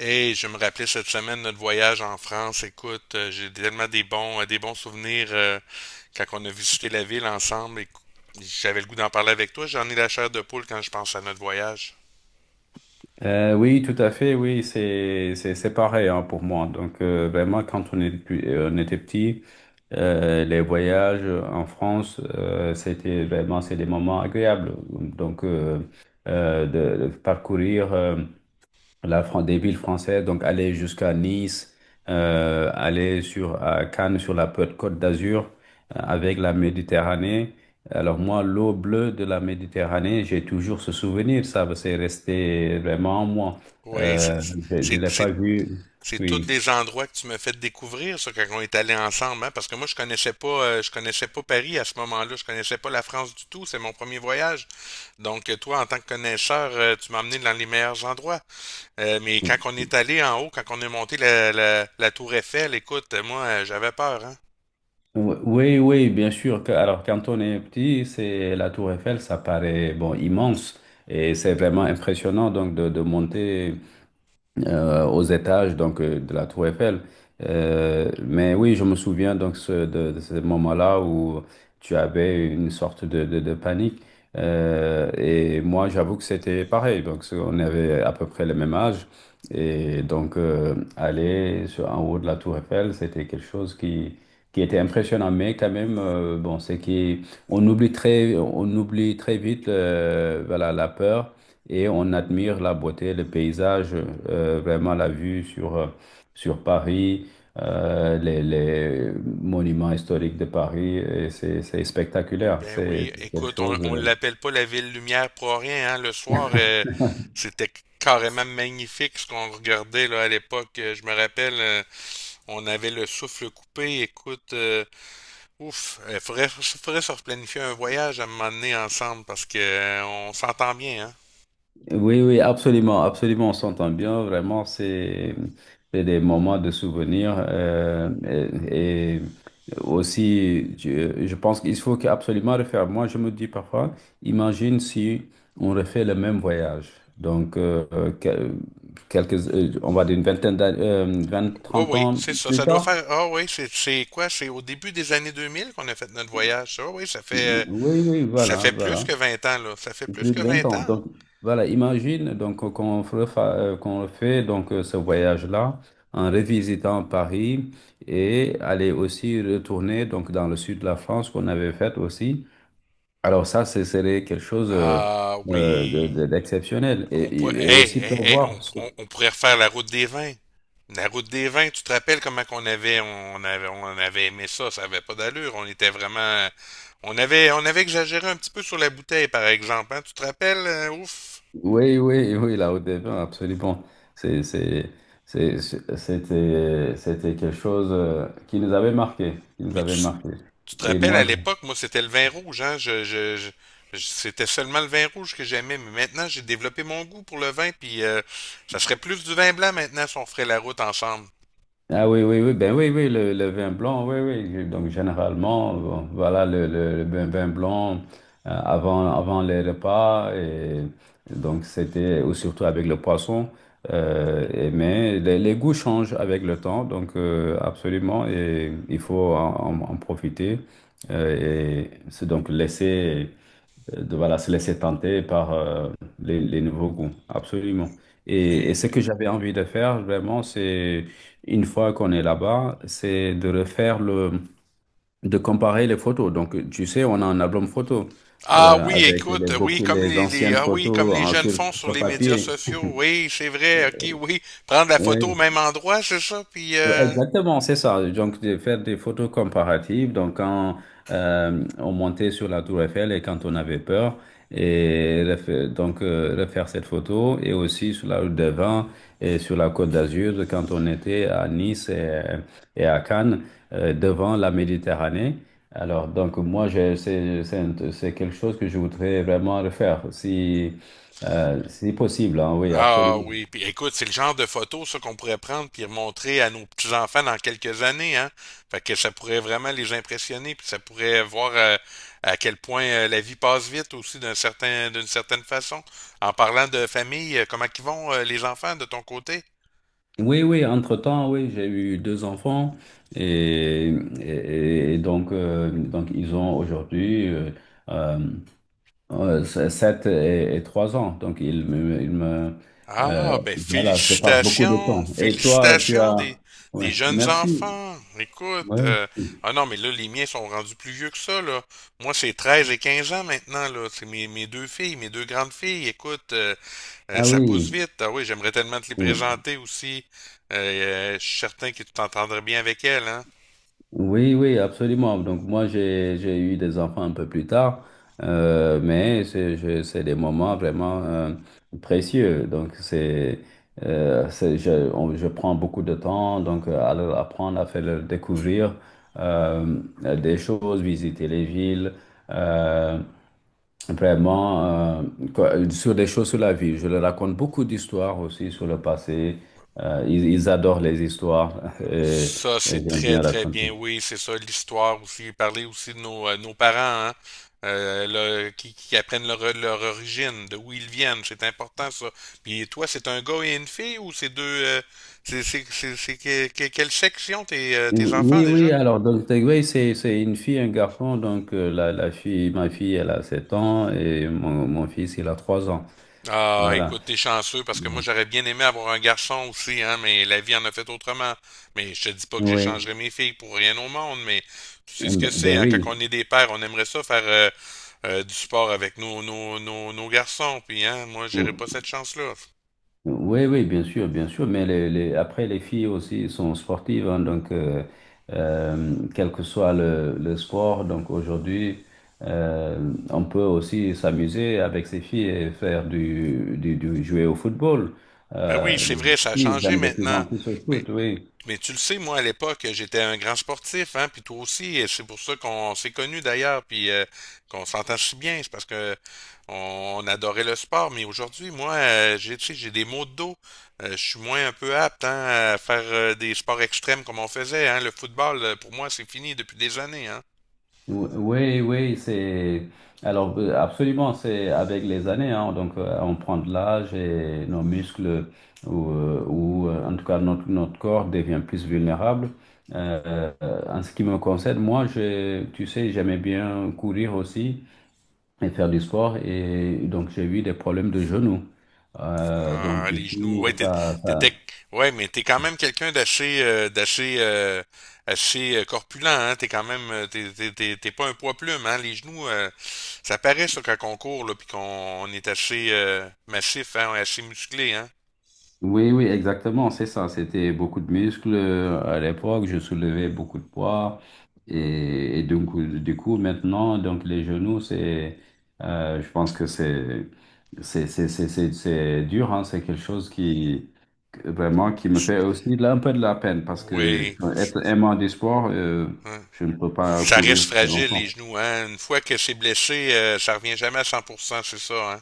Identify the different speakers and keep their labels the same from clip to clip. Speaker 1: Hey, je me rappelais cette semaine notre voyage en France. Écoute, j'ai tellement des bons souvenirs quand on a visité la ville ensemble. Et j'avais le goût d'en parler avec toi. J'en ai la chair de poule quand je pense à notre voyage.
Speaker 2: Oui, tout à fait, oui, c'est pareil hein, pour moi. Donc vraiment, quand on est, on était petit, les voyages en France, c'était vraiment c'est des moments agréables. Donc de parcourir. Des villes françaises, donc aller jusqu'à Nice, aller sur à Cannes, sur la Côte d'Azur, avec la Méditerranée. Alors moi, l'eau bleue de la Méditerranée, j'ai toujours ce souvenir, ça, c'est resté vraiment en moi.
Speaker 1: Oui,
Speaker 2: Euh, je ne
Speaker 1: c'est-
Speaker 2: l'ai
Speaker 1: c'est-
Speaker 2: pas vu.
Speaker 1: c'est tous
Speaker 2: Oui.
Speaker 1: des endroits que tu me fais découvrir, ça, quand on est allé ensemble, hein, parce que moi, je connaissais pas Paris à ce moment-là, je connaissais pas la France du tout, c'est mon premier voyage. Donc, toi, en tant que connaisseur, tu m'as emmené dans les meilleurs endroits. Mais quand on est allé en haut, quand on est monté la tour Eiffel, écoute, moi, j'avais peur, hein.
Speaker 2: Oui, oui, bien sûr. Alors, quand on est petit, c'est la Tour Eiffel, ça paraît bon immense et c'est vraiment impressionnant donc de monter aux étages de la Tour Eiffel. Mais oui, je me souviens donc de ce moment-là où tu avais une sorte de panique. Et moi, j'avoue que c'était pareil. Donc, on avait à peu près le même âge. Et donc, aller sur, en haut de la Tour Eiffel, c'était quelque chose qui était impressionnant. Mais quand même, bon, c'est qu'on oublie très, on oublie très vite voilà, la peur et on admire la beauté, le paysage, vraiment la vue sur, sur Paris, les monuments historiques de Paris. C'est spectaculaire.
Speaker 1: Ben
Speaker 2: C'est
Speaker 1: oui,
Speaker 2: c'est quelque
Speaker 1: écoute,
Speaker 2: chose.
Speaker 1: on l'appelle pas la ville lumière pour rien, hein. Le soir, c'était carrément magnifique ce qu'on regardait là à l'époque. Je me rappelle, on avait le souffle coupé. Écoute, ouf, faudrait se replanifier un voyage à un moment donné ensemble parce que on s'entend bien, hein.
Speaker 2: Oui, oui, absolument, absolument, on s'entend bien, vraiment, c'est des moments de souvenirs , et aussi, je pense qu'il faut absolument refaire. Moi, je me dis parfois, imagine si on refait le même voyage, donc que- quelques, on va dire une vingtaine d'années, 20,
Speaker 1: Oui,
Speaker 2: 30
Speaker 1: oui,
Speaker 2: ans
Speaker 1: c'est ça.
Speaker 2: plus
Speaker 1: Ça doit
Speaker 2: tard.
Speaker 1: faire. Ah oui, c'est quoi? C'est au début des années 2000 qu'on a fait notre voyage. Ça. Ah oui,
Speaker 2: Oui, oui,
Speaker 1: ça
Speaker 2: voilà,
Speaker 1: fait plus
Speaker 2: voilà.
Speaker 1: que vingt ans, là. Ça fait plus
Speaker 2: Plus
Speaker 1: que
Speaker 2: de 20
Speaker 1: 20
Speaker 2: ans.
Speaker 1: ans.
Speaker 2: Donc, voilà, imagine donc qu'on refait donc ce voyage-là en revisitant Paris et aller aussi retourner donc dans le sud de la France qu'on avait fait aussi. Alors ça, ce serait quelque chose
Speaker 1: Ah oui.
Speaker 2: d'exceptionnel et,
Speaker 1: On pourrait,
Speaker 2: et, et
Speaker 1: hey,
Speaker 2: aussi
Speaker 1: hey, hey,
Speaker 2: prévoir.
Speaker 1: on pourrait refaire la route des vins. La route des vins, tu te rappelles comment qu'on avait, on avait aimé ça. Ça avait pas d'allure. On était vraiment. On avait exagéré un petit peu sur la bouteille, par exemple. Hein. Tu te rappelles? Ouf.
Speaker 2: Oui, oui, oui, la Haute des Vins, absolument. C'est, c'est, C'était quelque chose qui nous avait marqué, qui nous
Speaker 1: Mais
Speaker 2: avait
Speaker 1: tu,
Speaker 2: marqué.
Speaker 1: Tu te
Speaker 2: Et
Speaker 1: rappelles,
Speaker 2: moi,
Speaker 1: à
Speaker 2: je-
Speaker 1: l'époque, moi, c'était le vin rouge, hein? C'était seulement le vin rouge que j'aimais, mais maintenant, j'ai développé mon goût pour le vin, puis ça serait plus du vin blanc maintenant si on ferait la route ensemble.
Speaker 2: Ah oui, oui, oui, ben oui, oui, le vin blanc, oui, oui. Donc généralement, bon, voilà le vin blanc avant les repas. Et donc c'était, ou surtout avec le poisson. Mais les goûts changent avec le temps, donc absolument, et il faut en profiter. Et c'est donc laisser de voilà, se laisser tenter par les nouveaux goûts. Absolument. Et,
Speaker 1: Mais
Speaker 2: et ce que j'avais envie de faire, vraiment, c'est, une fois qu'on est là-bas, c'est de refaire le, de comparer les photos. Donc, tu sais, on a un album photo
Speaker 1: ah oui,
Speaker 2: avec
Speaker 1: écoute, oui,
Speaker 2: beaucoup
Speaker 1: comme
Speaker 2: les
Speaker 1: les
Speaker 2: anciennes
Speaker 1: ah oui, comme
Speaker 2: photos
Speaker 1: les
Speaker 2: hein,
Speaker 1: jeunes font sur
Speaker 2: sur
Speaker 1: les médias
Speaker 2: papier.
Speaker 1: sociaux, oui, c'est vrai, ok, oui, prendre la photo au même endroit, c'est ça, puis
Speaker 2: Exactement, c'est ça. Donc, de faire des photos comparatives. Donc, quand on montait sur la Tour Eiffel et quand on avait peur, et refaire cette photo, et aussi sur la route des Vins et sur la Côte d'Azur, quand on était à Nice et à Cannes, devant la Méditerranée. Alors, donc, moi, c'est quelque chose que je voudrais vraiment refaire, si, si possible, hein, oui,
Speaker 1: ah
Speaker 2: absolument.
Speaker 1: oui, puis écoute, c'est le genre de photo ça qu'on pourrait prendre puis montrer à nos petits-enfants dans quelques années, hein. Fait que ça pourrait vraiment les impressionner, puis ça pourrait voir à quel point la vie passe vite aussi d'une certaine façon. En parlant de famille, comment qu'ils vont les enfants de ton côté?
Speaker 2: Oui, oui, entre-temps, oui, j'ai eu deux enfants et, et donc ils ont aujourd'hui euh, sept et trois ans. Donc, ils me euh,
Speaker 1: Ah, ben
Speaker 2: voilà, je passe beaucoup de
Speaker 1: félicitations,
Speaker 2: temps. Et toi, tu
Speaker 1: félicitations
Speaker 2: as... Oui,
Speaker 1: des jeunes
Speaker 2: merci.
Speaker 1: enfants. Écoute,
Speaker 2: Oui.
Speaker 1: ah non, mais là, les miens sont rendus plus vieux que ça, là. Moi, c'est 13 et 15 ans maintenant, là. C'est mes deux filles, mes deux grandes filles. Écoute,
Speaker 2: Ah
Speaker 1: ça pousse
Speaker 2: oui.
Speaker 1: vite. Ah oui, j'aimerais tellement te les présenter aussi. Euh, je suis certain que tu t'entendrais bien avec elles, hein.
Speaker 2: Oui, oui, absolument. Donc moi, j'ai eu des enfants un peu plus tard, mais c'est des moments vraiment précieux. Donc je prends beaucoup de temps donc à leur apprendre, à faire leur découvrir euh, des choses, visiter les villes, euh, vraiment euh, sur des choses sur la vie. Je leur raconte beaucoup d'histoires aussi sur le passé. Ils adorent les histoires
Speaker 1: Ça,
Speaker 2: et
Speaker 1: c'est
Speaker 2: j'aime
Speaker 1: très,
Speaker 2: bien
Speaker 1: très
Speaker 2: raconter.
Speaker 1: bien. Oui, c'est ça, l'histoire aussi. Parler aussi de nos, nos parents, hein, euh, qui apprennent leur origine, de où ils viennent. C'est important, ça. Puis toi, c'est un gars et une fille ou c'est deux... quelle section tes, tes enfants
Speaker 2: Oui, oui,
Speaker 1: déjà?
Speaker 2: alors donc Takeaway, c'est une fille, un garçon. Donc la fille, ma fille, elle a 7 ans et mon fils, il a 3 ans.
Speaker 1: Ah,
Speaker 2: Voilà.
Speaker 1: écoute, t'es chanceux parce que moi
Speaker 2: Oui.
Speaker 1: j'aurais bien aimé avoir un garçon aussi, hein, mais la vie en a fait autrement. Mais je te dis pas que
Speaker 2: Oui.
Speaker 1: j'échangerais mes filles pour rien au monde, mais tu sais ce que c'est,
Speaker 2: Ben
Speaker 1: hein, quand
Speaker 2: oui.
Speaker 1: on est des pères, on aimerait ça faire du sport avec nos garçons, puis hein, moi j'aurais pas cette chance-là.
Speaker 2: Oui, oui, bien sûr, mais après les filles aussi sont sportives, hein, donc quel que soit le sport, donc aujourd'hui, on peut aussi s'amuser avec ces filles et faire jouer au football.
Speaker 1: Ben oui, c'est vrai, ça
Speaker 2: Les
Speaker 1: a
Speaker 2: filles
Speaker 1: changé
Speaker 2: aiment de plus
Speaker 1: maintenant.
Speaker 2: en plus au
Speaker 1: Mais
Speaker 2: foot, oui.
Speaker 1: Mais tu le sais, moi, à l'époque, j'étais un grand sportif, hein, puis toi aussi, et c'est pour ça qu'on s'est connus d'ailleurs, puis qu'on s'entend si bien, c'est parce que on adorait le sport, mais aujourd'hui, moi, j'ai, tu sais, j'ai des maux de dos. Je suis moins un peu apte, hein, à faire des sports extrêmes comme on faisait, hein. Le football, pour moi, c'est fini depuis des années, hein.
Speaker 2: Oui, oui, c'est alors absolument, c'est avec les années, hein, donc on prend de l'âge et nos muscles en tout cas notre, notre corps devient plus vulnérable. En ce qui me concerne, moi, tu sais, j'aimais bien courir aussi et faire du sport et donc j'ai eu des problèmes de genoux. Donc du
Speaker 1: Les genoux,
Speaker 2: coup,
Speaker 1: ouais,
Speaker 2: ça
Speaker 1: t'étais- ouais, mais t'es quand même quelqu'un d'assez, d'assez, assez corpulent, hein. T'es quand même, t'es pas un poids plume, hein. Les genoux, ça paraît ça quand on court, là, puis qu'on on est assez massif, hein, on est assez musclé, hein.
Speaker 2: oui, oui, exactement, c'est ça. C'était beaucoup de muscles à l'époque. Je soulevais beaucoup de poids. Et donc, du coup, maintenant, donc les genoux, c'est, je pense que c'est c'est dur, hein. C'est quelque chose qui, vraiment, qui me fait aussi un peu de la peine parce que
Speaker 1: Oui.
Speaker 2: être aimant du sport,
Speaker 1: Hein.
Speaker 2: je ne peux pas
Speaker 1: Ça
Speaker 2: courir
Speaker 1: reste
Speaker 2: très
Speaker 1: fragile les
Speaker 2: longtemps.
Speaker 1: genoux, hein. Une fois que c'est blessé, ça revient jamais à 100% c'est ça,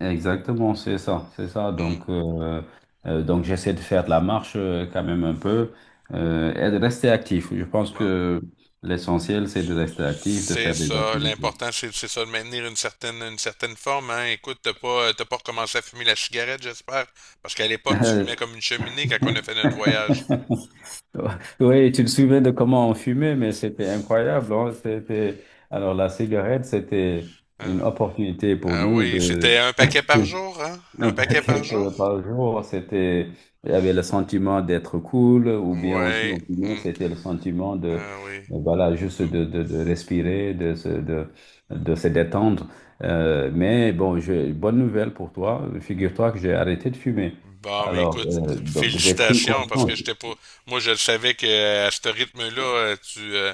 Speaker 2: Exactement, c'est ça, c'est ça.
Speaker 1: hein. Hmm.
Speaker 2: Donc j'essaie de faire de la marche quand même un peu et de rester actif. Je pense
Speaker 1: Bon.
Speaker 2: que l'essentiel, c'est de rester actif, de
Speaker 1: C'est
Speaker 2: faire des
Speaker 1: ça.
Speaker 2: activités.
Speaker 1: L'important, c'est ça, de maintenir une certaine forme, hein. Écoute, t'as pas recommencé à fumer la cigarette, j'espère? Parce qu'à l'époque, tu
Speaker 2: Euh,
Speaker 1: fumais comme une cheminée quand on a fait notre voyage.
Speaker 2: Oui, tu te souviens de comment on fumait, mais c'était incroyable. Hein. C'était... Alors, la cigarette, c'était une
Speaker 1: Hein.
Speaker 2: opportunité pour
Speaker 1: Ah
Speaker 2: nous
Speaker 1: oui,
Speaker 2: de...
Speaker 1: c'était un paquet par jour, hein?
Speaker 2: Un
Speaker 1: Un paquet
Speaker 2: paquet
Speaker 1: par jour?
Speaker 2: par jour, c'était, il y avait le sentiment d'être cool, ou bien aussi,
Speaker 1: Ouais.
Speaker 2: on fumait,
Speaker 1: Hmm.
Speaker 2: c'était le sentiment de,
Speaker 1: Ah oui.
Speaker 2: voilà, juste
Speaker 1: Hmm.
Speaker 2: de respirer, de se détendre. Mais bon, j'ai bonne nouvelle pour toi. Figure-toi que j'ai arrêté de fumer.
Speaker 1: Bon, mais
Speaker 2: Alors,
Speaker 1: écoute,
Speaker 2: donc, j'ai pris
Speaker 1: félicitations, parce que
Speaker 2: conscience.
Speaker 1: j'étais pas... Moi, je le savais que à ce rythme-là, euh, tu, euh,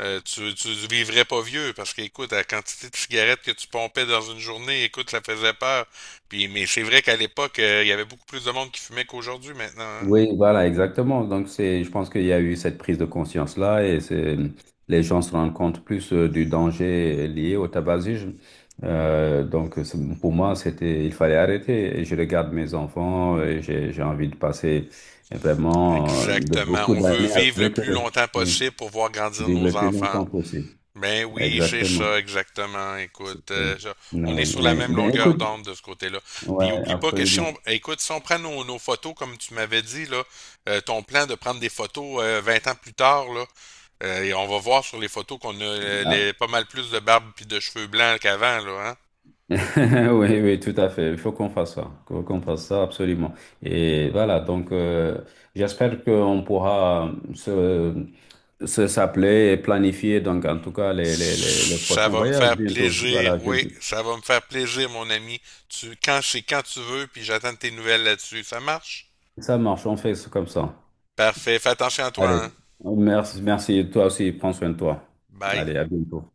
Speaker 1: Euh, tu, tu vivrais pas vieux parce qu'écoute, la quantité de cigarettes que tu pompais dans une journée, écoute, ça faisait peur. Puis, mais c'est vrai qu'à l'époque, il y avait beaucoup plus de monde qui fumait qu'aujourd'hui maintenant. Hein.
Speaker 2: Oui, voilà, exactement. Donc, c'est, je pense qu'il y a eu cette prise de conscience-là et c'est, les gens se rendent compte plus du danger lié au tabagisme. Donc, pour moi, c'était, il fallait arrêter. Et je regarde mes enfants et j'ai envie de passer vraiment de
Speaker 1: Exactement.
Speaker 2: beaucoup
Speaker 1: On veut
Speaker 2: d'années
Speaker 1: vivre le
Speaker 2: avec
Speaker 1: plus
Speaker 2: eux.
Speaker 1: longtemps
Speaker 2: Oui.
Speaker 1: possible pour voir grandir
Speaker 2: Vivre
Speaker 1: nos
Speaker 2: le plus
Speaker 1: enfants.
Speaker 2: longtemps possible.
Speaker 1: Ben oui, c'est
Speaker 2: Exactement.
Speaker 1: ça, exactement. Écoute,
Speaker 2: Oui,
Speaker 1: on est sur la
Speaker 2: oui.
Speaker 1: même
Speaker 2: Ben,
Speaker 1: longueur
Speaker 2: écoute,
Speaker 1: d'onde de ce côté-là.
Speaker 2: ouais,
Speaker 1: Puis oublie pas que si on,
Speaker 2: absolument.
Speaker 1: écoute, si on prend nos, nos photos, comme tu m'avais dit, là, ton plan de prendre des photos 20 ans plus tard, là, et on va voir sur les photos qu'on a
Speaker 2: Ah,
Speaker 1: les, pas mal plus de barbe puis de cheveux blancs qu'avant, là, hein?
Speaker 2: oui, oui, tout à fait. Il faut qu'on fasse ça, qu'on fasse ça absolument. Et voilà, donc j'espère qu'on pourra se s'appeler et planifier, donc en tout cas, les
Speaker 1: Ça
Speaker 2: prochains
Speaker 1: va me
Speaker 2: voyages
Speaker 1: faire
Speaker 2: bientôt.
Speaker 1: plaisir, oui, ça va me faire plaisir, mon ami. Tu, quand c'est quand tu veux, puis j'attends tes nouvelles là-dessus. Ça marche?
Speaker 2: Ça marche, on fait ça comme ça.
Speaker 1: Parfait, fais attention à toi,
Speaker 2: Allez,
Speaker 1: hein?
Speaker 2: merci, merci, toi aussi, prends soin de toi.
Speaker 1: Bye.
Speaker 2: Allez, à bientôt.